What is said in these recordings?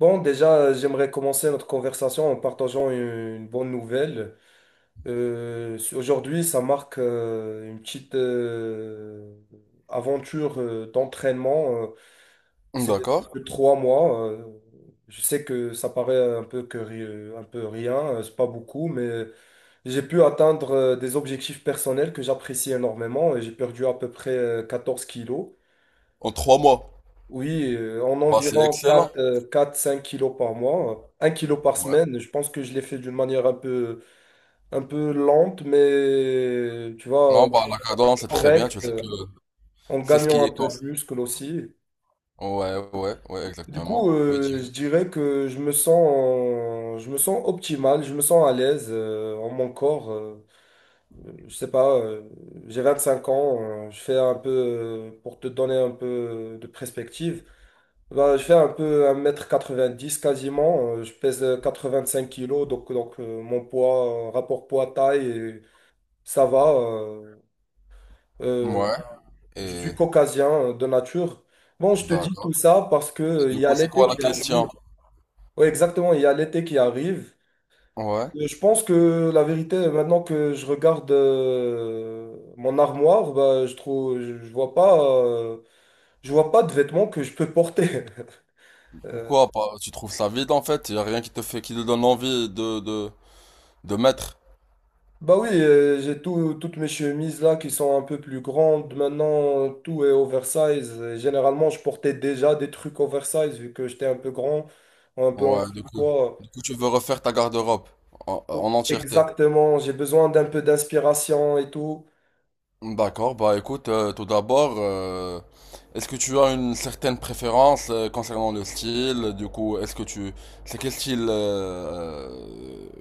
Bon, déjà, j'aimerais commencer notre conversation en partageant une bonne nouvelle. Aujourd'hui, ça marque une petite aventure d'entraînement. C'est D'accord. de 3 mois. Je sais que ça paraît un peu un peu rien, c'est pas beaucoup, mais j'ai pu atteindre des objectifs personnels que j'apprécie énormément, et j'ai perdu à peu près 14 kilos. En trois mois. Oui, en Bah, c'est environ excellent. 4, 4-5 kilos par mois, 1 kilo par Ouais. semaine. Je pense que je l'ai fait d'une manière un peu lente, mais tu vois, Non, bah, la cadence, c'est très bien. Tu correcte, sais que en c'est ce gagnant qui un est peu en- de muscle aussi. Ouais, Du exactement. coup, Oui, je dis-moi. dirais que je me sens optimal, je me sens à l'aise en mon corps. Je sais pas, j'ai 25 ans, je fais un peu, pour te donner un peu de perspective. Bah, je fais un peu 1,90 m quasiment. Je pèse 5 kilos, donc, mon poids, rapport poids-taille, ça va. Euh, Ouais. je Et suis caucasien de nature. Bon, je te dis d'accord. tout ça parce que Et du il y a coup, c'est l'été quoi la qui question? arrive. Oui, exactement, il y a l'été qui arrive. Ouais. Je pense que la vérité, maintenant que je regarde mon armoire, bah, je vois pas, je vois pas de vêtements que je peux porter. Pourquoi pas? Tu trouves ça vide en fait? Il a rien qui te fait, qui te donne envie de mettre. Bah oui, j'ai toutes mes chemises là qui sont un peu plus grandes. Maintenant, tout est oversize. Et généralement, je portais déjà des trucs oversize vu que j'étais un peu grand, un peu en Ouais, du coup. surpoids. Du coup, tu veux refaire ta garde-robe Oh, en entièreté. exactement, j'ai besoin d'un peu d'inspiration et tout. D'accord, bah écoute, tout d'abord, est-ce que tu as une certaine préférence concernant le style? Du coup, est-ce que tu... C'est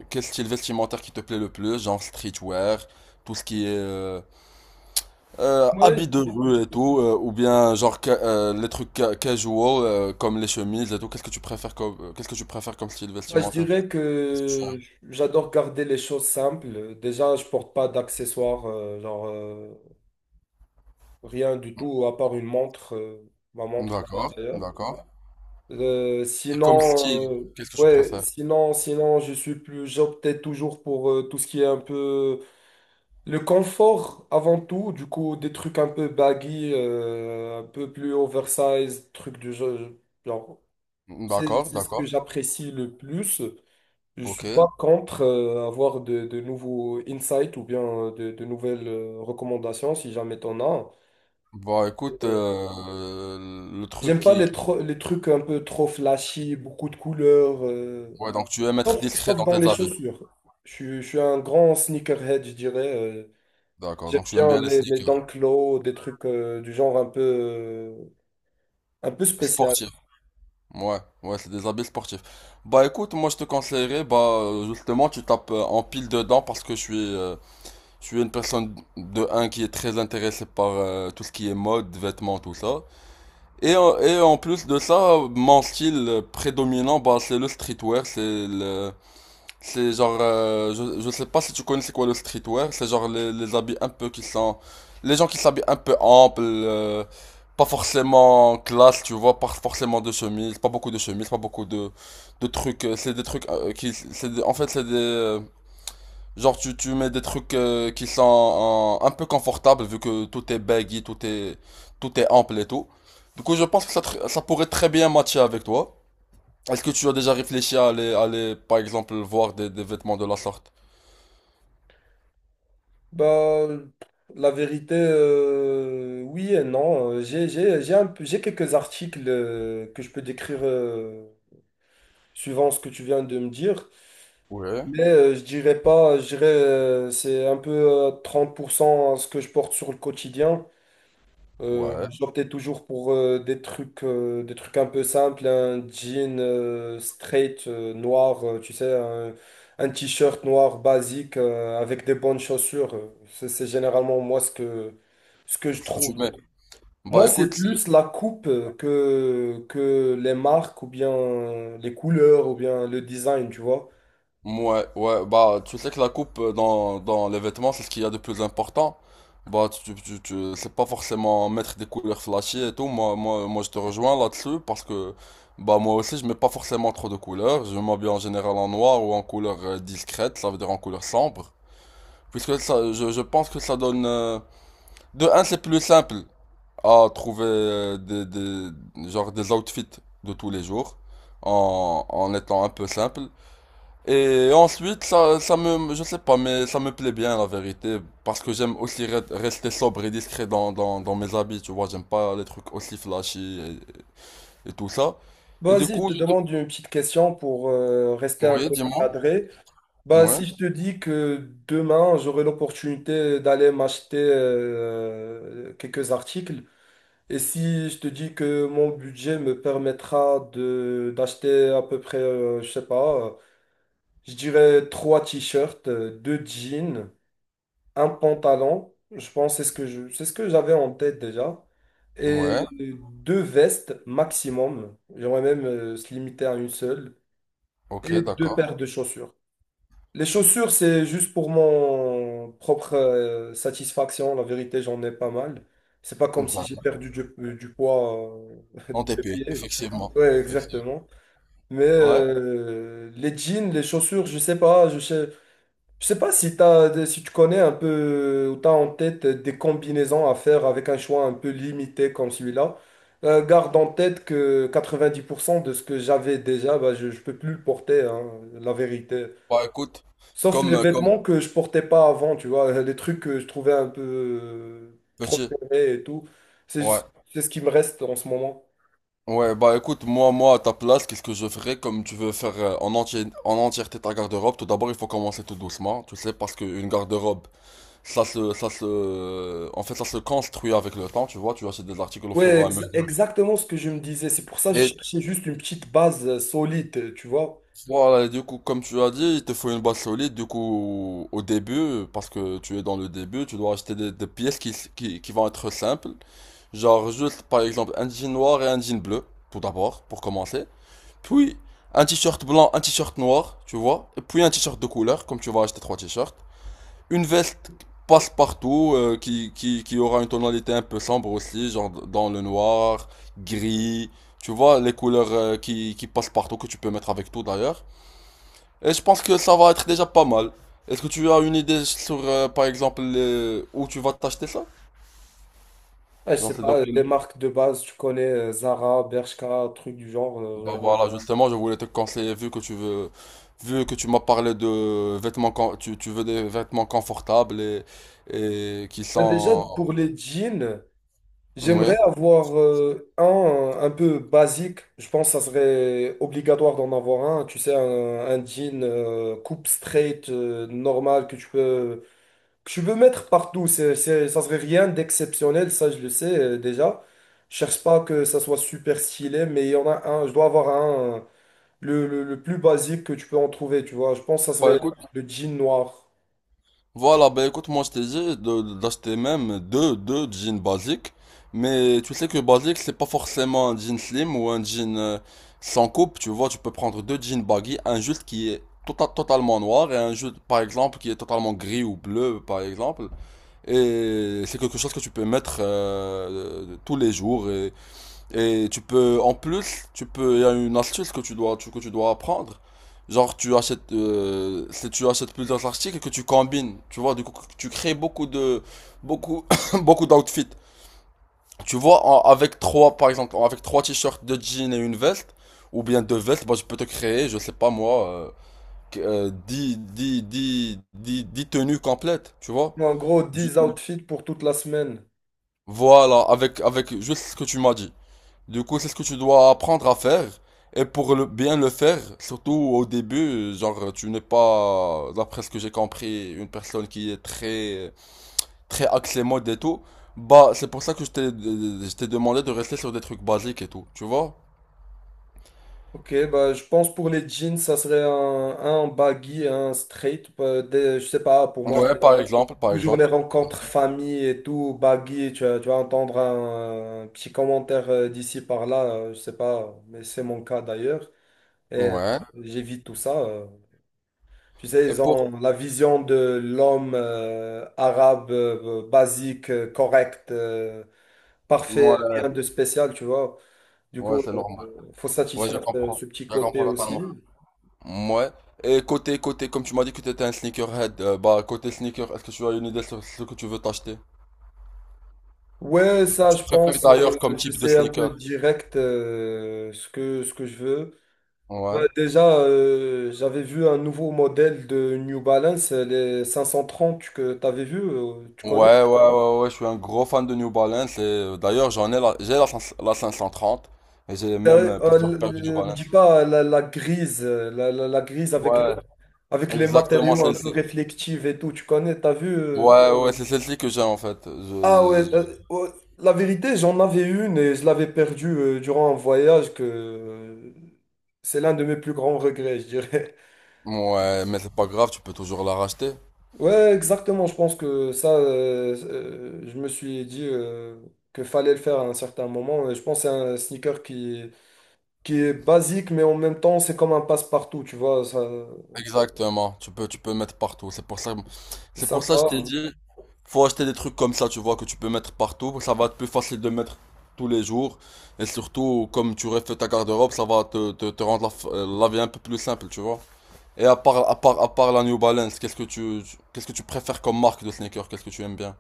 quel style vestimentaire qui te plaît le plus? Genre streetwear, tout ce qui est Ouais, habits de rue et tout, ou bien les trucs casual comme les chemises et tout. Qu'est-ce que tu préfères comme, qu'est-ce que tu préfères comme style je vestimentaire? dirais Qu'est-ce que tu que j'adore garder les choses simples. Déjà, je porte pas d'accessoires, genre rien du tout à part une montre, ma aimes. montre D'accord, d'ailleurs. d'accord. Euh, Et comme style, sinon, euh, qu'est-ce que tu ouais, préfères? sinon, sinon, je suis plus, j'optais toujours pour tout ce qui est un peu le confort avant tout. Du coup, des trucs un peu baggy, un peu plus oversize, trucs du genre. Genre, D'accord, c'est ce que d'accord, j'apprécie le plus. Je ok. suis pas contre avoir de nouveaux insights ou bien de nouvelles recommandations si jamais t'en as. Bah écoute, Euh, le truc J'aime pas qui- les trucs un peu trop flashy, beaucoup de couleurs. Ouais, donc tu aimes être Sauf, discret sauf dans dans tes les habits. chaussures. Je suis un grand sneakerhead, je dirais. D'accord, J'aime donc tu aimes bien bien les mes sneakers. Dunk Low, des trucs du genre un peu spécial. Sportifs. Ouais, c'est des habits sportifs. Bah écoute, moi je te conseillerais, bah justement, tu tapes en pile dedans parce que je suis une personne de un qui est très intéressée par tout ce qui est mode, vêtements, tout ça. Et en plus de ça, mon style prédominant, bah c'est le streetwear, c'est le... C'est genre, je sais pas si tu connais c'est quoi le streetwear, c'est genre les habits un peu qui sont, les gens qui s'habillent un peu ample, pas forcément classe, tu vois, pas forcément de chemise, pas beaucoup de chemises, pas beaucoup de trucs, c'est des trucs en fait c'est des genre tu mets des trucs qui sont un peu confortables vu que tout est baggy, tout est ample et tout. Du coup je pense que ça pourrait très bien matcher avec toi. Est-ce que tu as déjà réfléchi à à aller, par exemple, voir des vêtements de la sorte? Bah, la vérité, oui et non. J'ai un peu- j'ai quelques articles que je peux décrire suivant ce que tu viens de me dire. Ouais, Mais je dirais pas, je dirais c'est un peu 30% ce que je porte sur le quotidien. Ouais. J'optais toujours pour des trucs un peu simples, un jean straight noir, tu sais, un t-shirt noir basique avec des bonnes chaussures. C'est généralement moi ce que je Est-ce que trouve. tu mets? Bah Moi, c'est écoute, c'est- plus la coupe que les marques ou bien les couleurs ou bien le design, tu vois. ouais, ouais, bah tu sais que la coupe euh, dans les vêtements, c'est ce qu'il y a de plus important. Bah tu, tu, tu, c'est pas forcément mettre des couleurs flashy et tout. Moi je te rejoins là-dessus parce que, bah moi aussi, je mets pas forcément trop de couleurs. Je m'habille en général en noir ou en couleur discrète, ça veut dire en couleur sombre. Puisque ça, je pense que ça donne... de un, c'est plus simple à trouver genre des outfits de tous les jours en étant un peu simple. Et ensuite, je sais pas, mais ça me plaît bien la vérité parce que j'aime aussi rester sobre et discret dans mes habits, tu vois. J'aime pas les trucs aussi flashy et tout ça. Et du Vas-y, je coup, te je. demande une petite question pour rester un Oui, peu dis-moi. cadré. Bah, Ouais, si je te dis que demain, j'aurai l'opportunité d'aller m'acheter quelques articles, et si je te dis que mon budget me permettra de d'acheter à peu près, je sais pas, je dirais 3 t-shirts, 2 jeans, un pantalon, je pense que c'est ce que c'est ce que j'avais en tête déjà, et ouais, 2 vestes maximum, j'aimerais même se limiter à une seule, ok, et deux d'accord. paires de chaussures. Les chaussures, c'est juste pour mon propre satisfaction. La vérité, j'en ai pas mal. C'est pas comme si D'accord. j'ai perdu du poids En du TP, pied. effectivement. Ouais, Effectivement. exactement. Mais Ouais, les jeans, les chaussures, je sais pas. Je sais pas si t'as, si tu connais un peu ou t'as en tête des combinaisons à faire avec un choix un peu limité comme celui-là. Garde en tête que 90% de ce que j'avais déjà, bah, je peux plus le porter, hein, la vérité. bah écoute, Sauf les comme vêtements que je portais pas avant, tu vois, les trucs que je trouvais un peu trop petit, serrés et tout. C'est ouais. c'est ce qui me reste en ce moment. Ouais, bah écoute, moi, à ta place, qu'est-ce que je ferais comme tu veux faire en entièreté ta garde-robe? Tout d'abord, il faut commencer tout doucement, tu sais, parce qu'une garde-robe, en fait, ça se construit avec le temps, tu vois, tu achètes des articles au fur Ouais, et à mesure. exactement ce que je me disais. C'est pour ça que je Et cherchais juste une petite base solide, tu vois. voilà, et du coup, comme tu as dit, il te faut une base solide, du coup, au début, parce que tu es dans le début, tu dois acheter des pièces qui vont être simples, genre juste, par exemple, un jean noir et un jean bleu, tout d'abord, pour commencer. Puis un t-shirt blanc, un t-shirt noir, tu vois. Et puis un t-shirt de couleur, comme tu vas acheter trois t-shirts. Une veste passe-partout qui aura une tonalité un peu sombre aussi, genre dans le noir, gris. Tu vois, les couleurs qui passent partout, que tu peux mettre avec tout d'ailleurs. Et je pense que ça va être déjà pas mal. Est-ce que tu as une idée sur, par exemple, où tu vas t'acheter ça? Ouais, je Genre, sais c'est dans pas, quel les marques de base, tu connais Zara, Bershka, trucs du genre. Bah voilà, justement, je voulais te conseiller, vu que tu m'as parlé de vêtements, tu veux des vêtements confortables et, et qui Bah, déjà, sont, pour les jeans. oui. J'aimerais avoir un peu basique. Je pense que ça serait obligatoire d'en avoir un. Tu sais, un jean coupe straight normal que tu peux mettre partout. Ça serait rien d'exceptionnel, ça je le sais déjà. Je cherche pas que ça soit super stylé, mais il y en a un. Je dois avoir un, le plus basique que tu peux en trouver, tu vois. Je pense que ça Bah serait écoute, le jean noir. voilà, bah écoute, moi je t'ai dit d'acheter même deux jeans basiques, mais tu sais que basique c'est pas forcément un jean slim ou un jean sans coupe, tu vois, tu peux prendre deux jeans baggy, un juste qui est totalement noir et un juste, par exemple, qui est totalement gris ou bleu, par exemple. Et c'est quelque chose que tu peux mettre tous les jours. Et en plus, il y a une astuce que que tu dois apprendre. Genre, si tu achètes plusieurs articles que tu combines, tu vois, du coup, tu crées beaucoup de, beaucoup, beaucoup d'outfits. Tu vois, avec trois, par exemple, avec trois t-shirts, deux jeans et une veste, ou bien deux vestes, bah, je peux te créer, je sais pas moi, que- 10 10, 10 tenues complètes, tu vois. En gros, 10 outfits pour toute la semaine. Voilà, avec juste ce que tu m'as dit. Du coup, c'est ce que tu dois apprendre à faire. Et pour le, bien le faire, surtout au début, genre, tu n'es pas, d'après ce que j'ai compris, une personne qui est très axée mode et tout. Bah, c'est pour ça que je t'ai demandé de rester sur des trucs basiques et tout, tu vois? Ok, bah, je pense pour les jeans, ça serait un baggy, un straight. Je sais pas, pour moi, c'est Par toujours les exemple. rencontres famille et tout, baggy. Tu vas entendre un petit commentaire d'ici par là, je sais pas, mais c'est mon cas d'ailleurs. Et Ouais. j'évite tout ça. Tu sais, Et ils pour, ont la vision de l'homme arabe, basique, correct, parfait, ouais, rien de spécial, tu vois. Du ouais, coup, c'est normal. faut Ouais, je satisfaire comprends. ce petit Je côté comprends totalement. aussi. Ouais. Et côté, comme tu m'as dit que tu étais un sneakerhead, bah côté sneaker, est-ce que tu as une idée sur ce que tu veux t'acheter? Ouais, Qu'est-ce que ça, tu je préfères pense, d'ailleurs comme je type de sais un peu sneaker? direct ce que je veux. Bah, Ouais. déjà, j'avais vu un nouveau modèle de New Balance, les 530 que tu avais vu, tu Ouais, connais? ouais, ouais, ouais, ouais, je suis un gros fan de New Balance et d'ailleurs j'ai la, 500 la 530 et j'ai même Euh, euh, plusieurs paires de New le- Me Balance. dis pas la grise, la grise avec, Ouais, avec les exactement matériaux un peu celle-ci. réflectifs et tout, tu connais, t'as vu? Ouais, c'est celle-ci que j'ai en fait. Ah ouais, ouais, la vérité, j'en avais une et je l'avais perdue durant un voyage que c'est l'un de mes plus grands regrets, je dirais. Ouais, mais c'est pas grave, tu peux toujours la racheter. Ouais, exactement. Je pense que ça, je me suis dit que fallait le faire à un certain moment. Et je pense que c'est un sneaker qui est basique, mais en même temps, c'est comme un passe-partout, tu vois. Ça, Exactement, tu peux mettre partout. C'est C'est pour ça que je t'ai sympa. dit, faut acheter des trucs comme ça, tu vois, que tu peux mettre partout. Ça va être plus facile de mettre tous les jours. Et surtout, comme tu refais ta garde-robe, ça va te rendre la vie un peu plus simple, tu vois. Et à part la New Balance, qu'est-ce que qu'est-ce que tu préfères comme marque de sneakers? Qu'est-ce que tu aimes bien?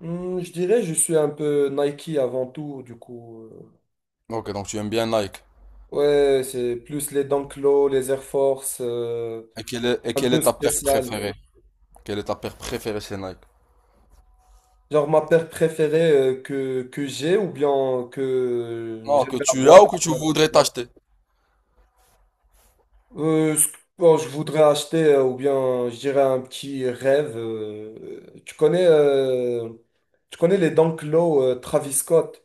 Hmm, je dirais, je suis un peu Nike avant tout, du coup. Ok, donc tu aimes bien Nike. Ouais, c'est plus les Dunk Low, les Air Force, Et un quelle peu est ta paire spécial. préférée? Quelle est ta paire préférée chez Nike? Genre ma paire préférée que j'ai ou bien que Non, que j'aimerais tu as ou avoir. que tu voudrais t'acheter? Bon, je voudrais acheter, ou bien, je dirais un petit rêve. Euh, tu connais, euh, Tu connais les Dunk Low, Travis Scott?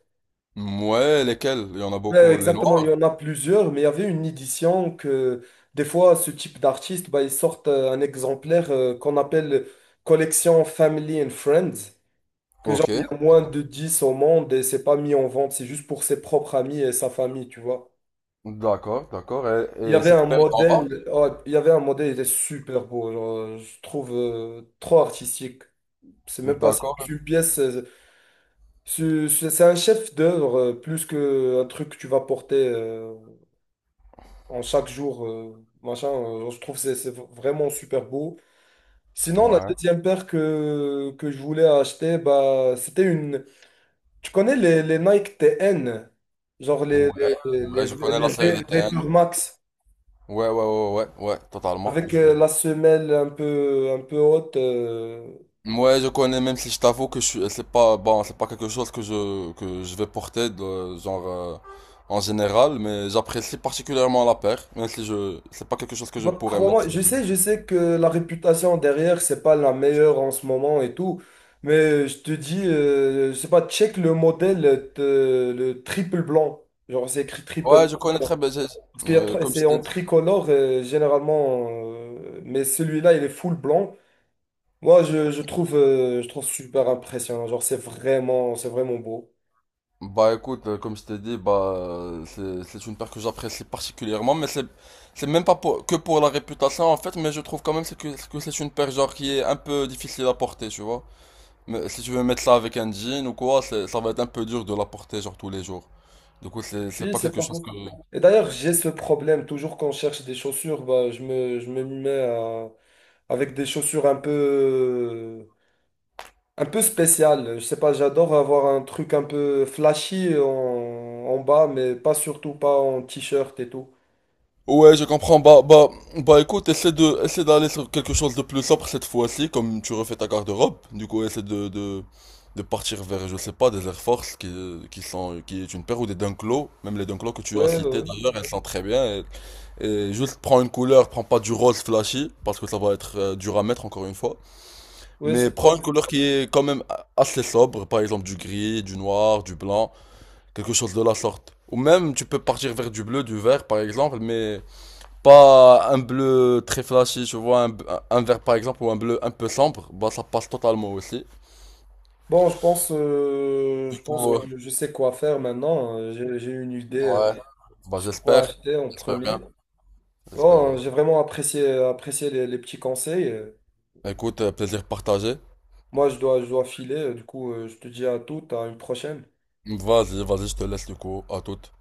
Ouais, lesquelles? Il y en a Ouais, beaucoup. Les exactement, il noirs? y en a plusieurs, mais il y avait une édition que des fois, ce type d'artiste, bah, ils sortent un exemplaire qu'on appelle collection Family and Friends, que genre, Ok, il y a moins de 10 au monde et c'est pas mis en vente, c'est juste pour ses propres amis et sa famille, tu vois. D'accord. Il y Et avait un cette paire est en vente? modèle, ouais, il y avait un modèle, il est super beau, genre, je trouve trop artistique. C'est même pas c'est D'accord. une pièce, c'est un chef d'œuvre plus qu'un truc que tu vas porter en chaque jour, machin. Je trouve que c'est vraiment super beau. Sinon, la Ouais, deuxième paire que je voulais acheter, bah, c'était une. Tu connais les Nike TN, genre ouais, ouais, je connais la série des les TN. Vapor Max. Ouais, ouais, totalement. Avec Je... la semelle un peu haute. Ouais, je connais, même si je t'avoue que je suis, c'est pas, bon, c'est pas quelque chose que que je vais porter de, genre, en général, mais j'apprécie particulièrement la paire, même si je, c'est pas quelque chose que je Bah, pourrais mettre. crois-moi, je sais que la réputation derrière, c'est pas la meilleure en ce moment et tout. Mais je te dis, je sais pas, check le modèle, le triple blanc. Genre, c'est écrit triple. Ouais, je connais très bien, j'ai- Parce qu'il y a, comme c'est je en t'ai tricolore, généralement. Mais celui-là, il est full blanc. Moi, je trouve super impressionnant. Genre, c'est vraiment beau. Bah écoute, comme je t'ai dit, c'est une paire que j'apprécie particulièrement, mais c'est même pas que pour la réputation en fait, mais je trouve quand même c'est que c'est une paire genre qui est un peu difficile à porter, tu vois. Mais si tu veux mettre ça avec un jean ou quoi, ça va être un peu dur de la porter genre tous les jours. Du coup, c'est Oui, pas c'est quelque pas chose faux. que. Et d'ailleurs, j'ai ce problème. Toujours quand je cherche des chaussures, bah, je me mets à- avec des chaussures un peu spéciales. Je sais pas, j'adore avoir un truc un peu flashy en, en bas, mais pas surtout pas en t-shirt et tout. Ouais, je comprends. Bah, écoute, essaie d'aller sur quelque chose de plus sobre cette fois-ci, comme tu refais ta garde-robe. Du coup, de partir vers, je sais pas, des Air Force qui est une paire ou des Dunklo. Même les Dunklo que tu as Ouais, cités ouais, d'ailleurs, elles sont très bien. Et juste prends une couleur, prends pas du rose flashy, parce que ça va être dur à mettre encore une fois. ouais, Mais c'est pas prends faux. une couleur qui est quand même assez sobre, par exemple du gris, du noir, du blanc, quelque chose de la sorte. Ou même, tu peux partir vers du bleu, du vert, par exemple, mais pas un bleu très flashy, tu vois, un vert par exemple, ou un bleu un peu sombre, bah ça passe totalement aussi. Bon, Du je pense coup, que je sais quoi faire maintenant. J'ai une idée ouais, bah sur quoi j'espère, acheter en j'espère bien, premier. j'espère Bon, bien. j'ai vraiment apprécié les petits conseils. Écoute, plaisir partagé. Moi, je dois filer. Du coup, je te dis à toute, à une prochaine. Vas-y, je te laisse du coup, à toute.